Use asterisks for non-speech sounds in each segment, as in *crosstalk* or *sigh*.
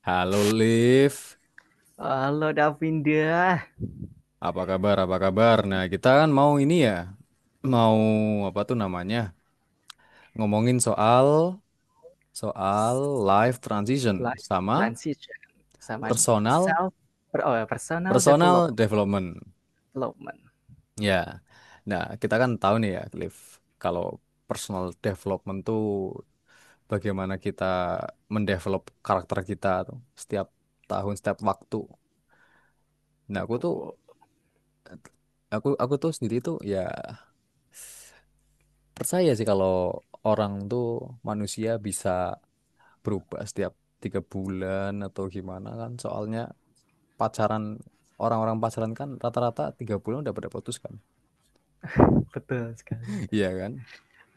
Halo Liv, Halo Davinda, apa kabar? Apa kabar? Nah, kita kan mau ini ya, mau apa tuh namanya? Ngomongin soal soal life transition life sama transition sama personal self per- oh, personal develop- personal development. development. Ya. Nah, kita kan tahu nih ya, Liv, kalau personal development tuh bagaimana kita mendevelop karakter kita tuh setiap tahun, setiap waktu. Nah, aku tuh Betul, aku aku tuh sendiri tuh ya percaya sih kalau orang tuh manusia bisa berubah setiap 3 bulan atau gimana kan. Soalnya pacaran orang-orang pacaran kan rata-rata 3 bulan udah pada putus kan. betul sekali *laughs* itu. Iya kan?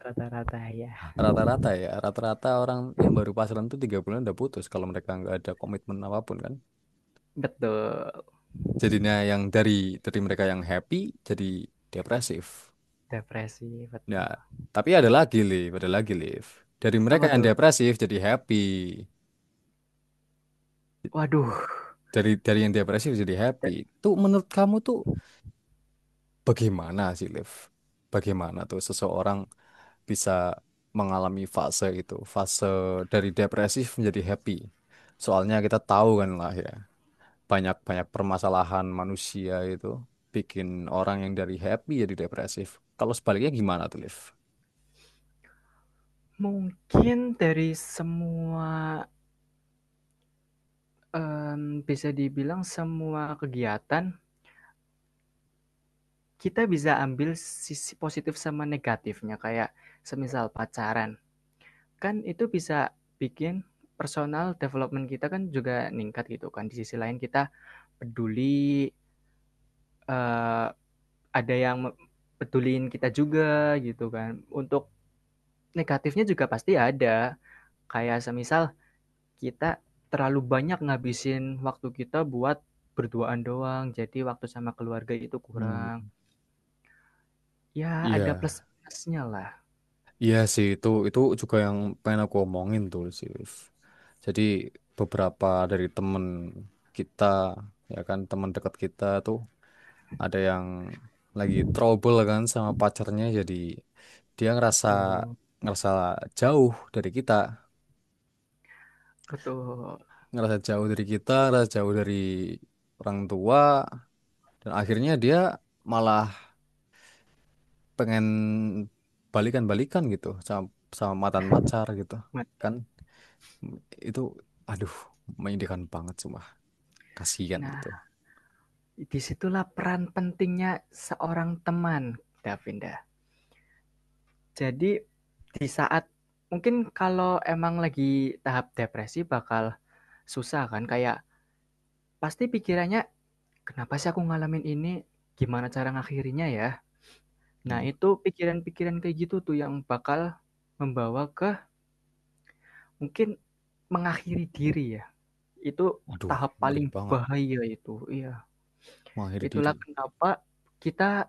Rata-rata ya. Rata-rata ya. Rata-rata orang yang baru pacaran tuh 3 bulan udah putus kalau mereka nggak ada komitmen apapun kan. Betul. Jadinya yang dari mereka yang happy jadi depresif. Depresi, Nah, betul. tapi ada lagi, Liv. Ada lagi, Liv. Dari Apa mereka yang tuh? depresif jadi happy. Waduh, Dari yang depresif jadi happy. da- Tuh menurut kamu tuh bagaimana sih, Liv? Bagaimana tuh seseorang bisa mengalami fase itu, fase dari depresif menjadi happy? Soalnya kita tahu kan lah ya, banyak-banyak permasalahan manusia itu bikin orang yang dari happy jadi depresif. Kalau sebaliknya gimana tuh, Liv? mungkin dari semua bisa dibilang semua kegiatan kita bisa ambil sisi positif sama negatifnya kayak semisal pacaran. Kan itu bisa bikin personal development kita kan juga meningkat gitu kan. Di sisi lain kita peduli, eee, ada yang me peduliin kita juga gitu kan. Untuk negatifnya juga pasti ada. Kayak semisal kita terlalu banyak ngabisin waktu kita buat berduaan doang, jadi waktu sama keluarga itu kurang. Hmm. Ya ada Iya. plus minusnya lah. Iya sih itu juga yang pengen aku omongin tuh sih, Liv. Jadi beberapa dari temen kita ya kan teman dekat kita tuh ada yang lagi trouble kan sama pacarnya jadi dia ngerasa Betul ngerasa jauh dari kita, betul. Ngerasa jauh dari orang tua dan akhirnya dia malah pengen balikan-balikan gitu sama sama mantan pacar gitu kan. Itu aduh, menyedihkan banget, cuma kasihan Nah, gitu. disitulah peran pentingnya seorang teman, Davinda. Jadi di saat mungkin kalau emang lagi tahap depresi bakal susah kan, kayak pasti pikirannya, "Kenapa sih aku ngalamin ini? Gimana cara ngakhirinya ya?" Nah, Hmm. itu pikiran-pikiran kayak gitu tuh yang bakal membawa ke mungkin mengakhiri diri ya. Itu Aduh, tahap ngeri paling banget bahaya itu, iya. mengakhiri Itulah diri. kenapa kita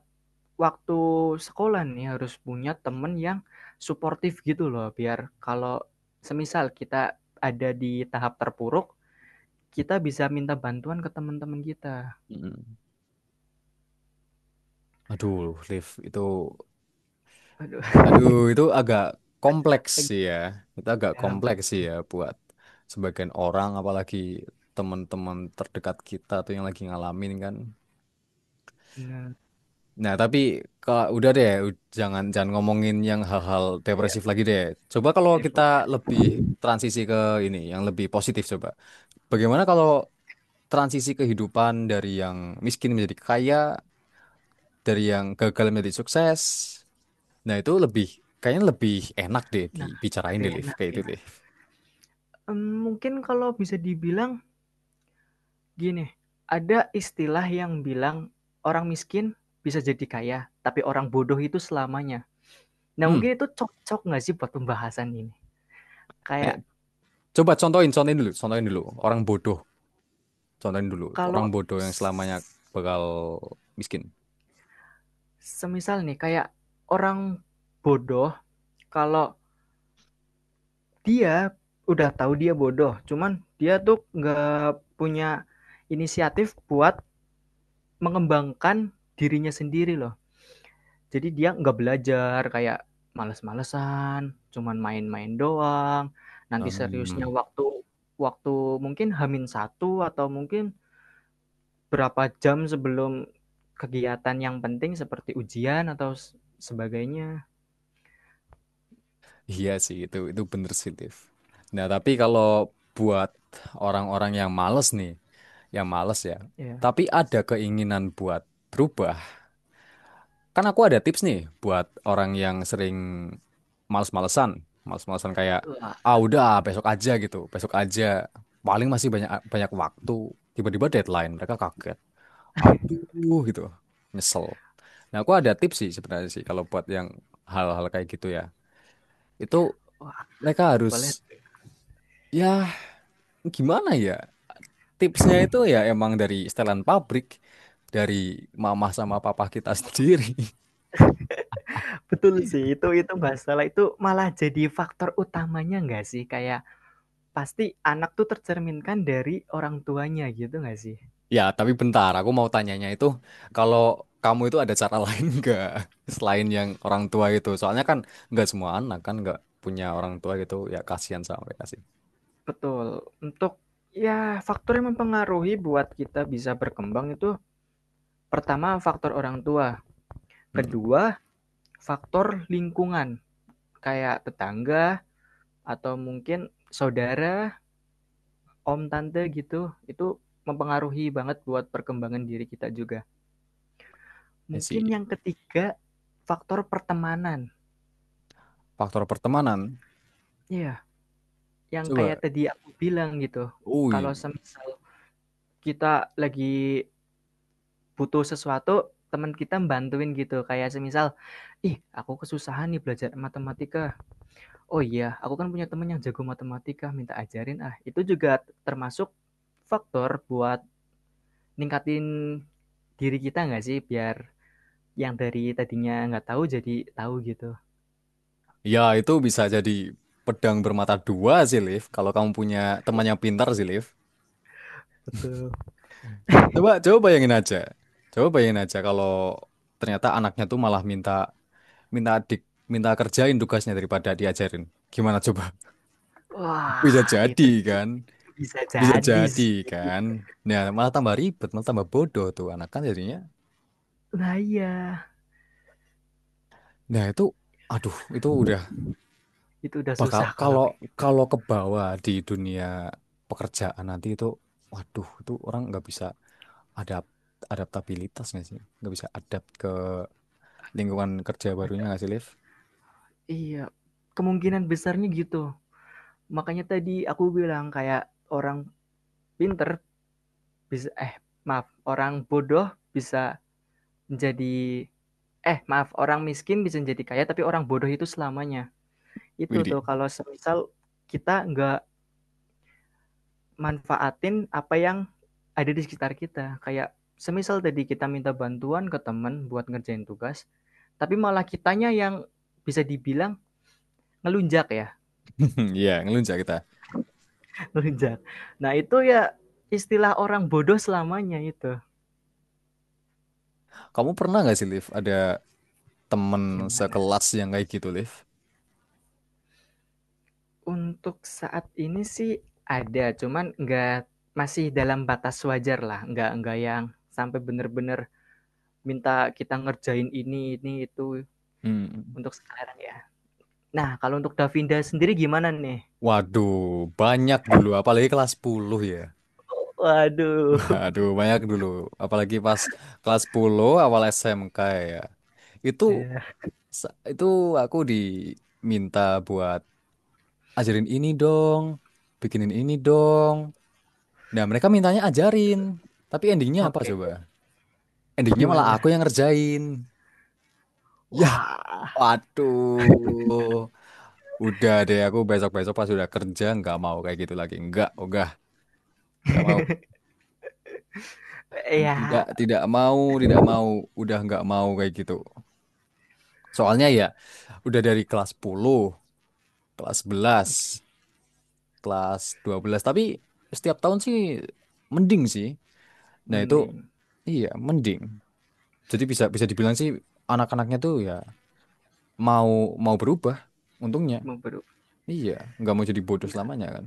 waktu sekolah nih harus punya temen yang suportif gitu loh biar kalau semisal kita ada di tahap terpuruk, kita bisa minta bantuan ke teman-teman kita. mm Aduh, live itu, Aduh, aduh, itu agak kompleks sih *laughs* ya, itu agak iya kompleks sih ya buat sebagian orang, apalagi teman-teman terdekat kita tuh yang lagi ngalamin kan. bener, Nah, tapi kalau udah deh, u- jangan jangan ngomongin yang hal-hal iya depresif lagi deh. Coba kalau depresif. kita lebih transisi ke ini yang lebih positif. Coba bagaimana kalau transisi kehidupan dari yang miskin menjadi kaya, dari yang gagal menjadi sukses. Nah, itu lebih, kayaknya lebih enak deh Nah, dibicarain tapi deh, Liv. enak Kayak itu, ya, Liv. Mungkin kalau bisa dibilang gini, ada istilah yang bilang orang miskin bisa jadi kaya, tapi orang bodoh itu selamanya. Nah Hmm. mungkin itu cocok nggak sih buat pembahasan ini? Eh, Kayak coba contohin, contohin dulu, contohin dulu. Orang bodoh, contohin dulu. kalau Orang bodoh yang selamanya s- bakal miskin. semisal nih kayak orang bodoh, kalau dia udah tahu dia bodoh, cuman dia tuh nggak punya inisiatif buat mengembangkan dirinya sendiri loh. Jadi dia nggak belajar kayak males-malesan, cuman main-main doang. Nanti seriusnya Hmm, waktu waktu mungkin hamin satu atau mungkin berapa jam sebelum kegiatan yang penting seperti ujian atau sebagainya. iya sih, itu bener sih, Liv. Nah, tapi kalau buat orang-orang yang males nih, yang males ya, Ya, tapi ada keinginan buat berubah, kan aku ada tips nih buat orang yang sering males-malesan. Males-malesan kayak, wah ah udah besok aja gitu, besok aja. Paling masih banyak banyak waktu. Tiba-tiba deadline, mereka kaget. Aduh gitu, nyesel. Nah, aku ada tips sih sebenarnya sih kalau buat yang hal-hal kayak gitu ya. Itu wah, mereka harus, boleh. ya gimana ya, tipsnya itu ya emang dari setelan pabrik. Dari mama sama papa kita sendiri. *laughs* Betul sih, itu masalah itu malah jadi faktor utamanya nggak sih? Kayak pasti anak tuh tercerminkan dari orang tuanya gitu nggak sih? Ya, tapi bentar, aku mau tanyanya itu, kalau kamu itu ada cara *laughs* lain nggak selain yang orang tua itu? Soalnya kan nggak semua anak kan nggak punya orang tua gitu, ya kasihan sama mereka sih. Betul, untuk ya faktor yang mempengaruhi buat kita bisa berkembang itu pertama faktor orang tua, Hmm, kedua faktor lingkungan kayak tetangga atau mungkin saudara, om, tante gitu, itu mempengaruhi banget buat perkembangan diri kita juga. I Mungkin see. yang ketiga, faktor pertemanan. Faktor pertemanan, Iya, yang coba. kayak tadi aku bilang gitu, Ui, kalau semisal kita lagi butuh sesuatu, teman kita bantuin gitu, kayak semisal, "Ih, aku kesusahan nih belajar matematika. Oh iya, aku kan punya teman yang jago matematika, minta ajarin ah." Itu juga termasuk faktor buat ningkatin diri kita nggak sih? Biar yang dari tadinya nggak tahu jadi tahu gitu. ya itu bisa jadi pedang bermata dua sih, Liv. Kalau kamu punya temannya pintar sih, Liv. Betul. Coba, coba bayangin aja. Coba bayangin aja kalau ternyata anaknya tuh malah minta, minta adik, minta kerjain tugasnya daripada diajarin. Gimana coba? Bisa Wah, jadi itu sih kan, bisa bisa jadi jadi sih. kan. Nah, malah tambah ribet, malah tambah bodoh tuh anak kan jadinya. Nah iya, Nah, itu aduh, itu udah itu udah bakal susah kalau kalau kayak gitu. kalau ke bawah di dunia pekerjaan nanti itu waduh, itu orang nggak bisa adapt adaptabilitas nggak sih? Nggak bisa adapt ke lingkungan kerja barunya nggak sih, Liv? Iya, kemungkinan besarnya gitu. Makanya tadi aku bilang kayak orang pinter bisa eh maaf, orang bodoh bisa menjadi eh maaf, orang miskin bisa menjadi kaya tapi orang bodoh itu selamanya. Itu Widi. tuh kalau semisal kita nggak manfaatin apa yang ada di sekitar kita. Kayak semisal tadi kita minta bantuan ke teman buat ngerjain tugas, tapi malah kitanya yang bisa dibilang ngelunjak ya, *laughs* Iya, ngelunjak kita. *laughs* ngelunjak. Nah itu ya istilah orang bodoh selamanya itu. Kamu pernah nggak sih, Liv, ada temen Gimana? sekelas yang kayak gitu, Liv? Untuk saat ini sih ada, cuman nggak masih dalam batas wajar lah, nggak yang sampai bener-bener minta kita ngerjain ini itu Hmm. untuk sekarang ya. Nah kalau untuk Davinda sendiri gimana nih? Waduh, banyak dulu, apalagi kelas 10 ya. Waduh. Waduh, banyak dulu. Apalagi pas kelas 10 awal SMK ya. Itu Ya, itu aku diminta buat ajarin ini dong, bikinin ini dong. Nah, mereka mintanya ajarin. Tapi endingnya apa oke, coba? okay. Endingnya malah aku Gimana? yang ngerjain. Yah, Wah, waduh. Udah deh, aku besok-besok pas udah kerja nggak mau kayak gitu lagi. Nggak, udah, nggak mau. Tidak, ya tidak mau, tidak mau. Udah nggak mau kayak gitu. Soalnya ya udah dari kelas 10, kelas 11, kelas 12, tapi setiap tahun sih mending sih. Nah, itu mending iya, mending. Jadi bisa bisa dibilang sih anak-anaknya tuh ya mau mau berubah untungnya. memperuk. Iya, nggak mau jadi bodoh Ya, selamanya kan.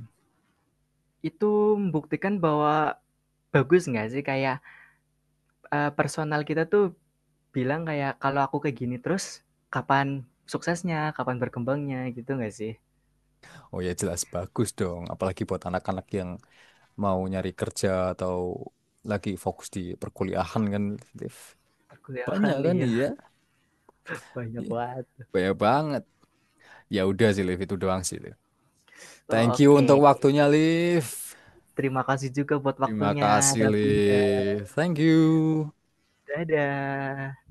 itu membuktikan bahwa bagus nggak sih kayak eh, personal kita tuh bilang kayak kalau aku kayak gini terus kapan suksesnya, kapan berkembangnya gitu nggak sih? Oh ya jelas bagus dong, apalagi buat anak-anak yang mau nyari kerja atau lagi fokus di perkuliahan kan, Liv. Banyak Perkuliahan kan iya iya. banyak Iya, banget. banyak banget. Ya udah sih, Liv, itu doang sih, Liv. Oh, Thank you oke, untuk okay. waktunya, Liv. Terima kasih juga buat Terima waktunya, kasih, Davina. Liv. Thank you. Dadah.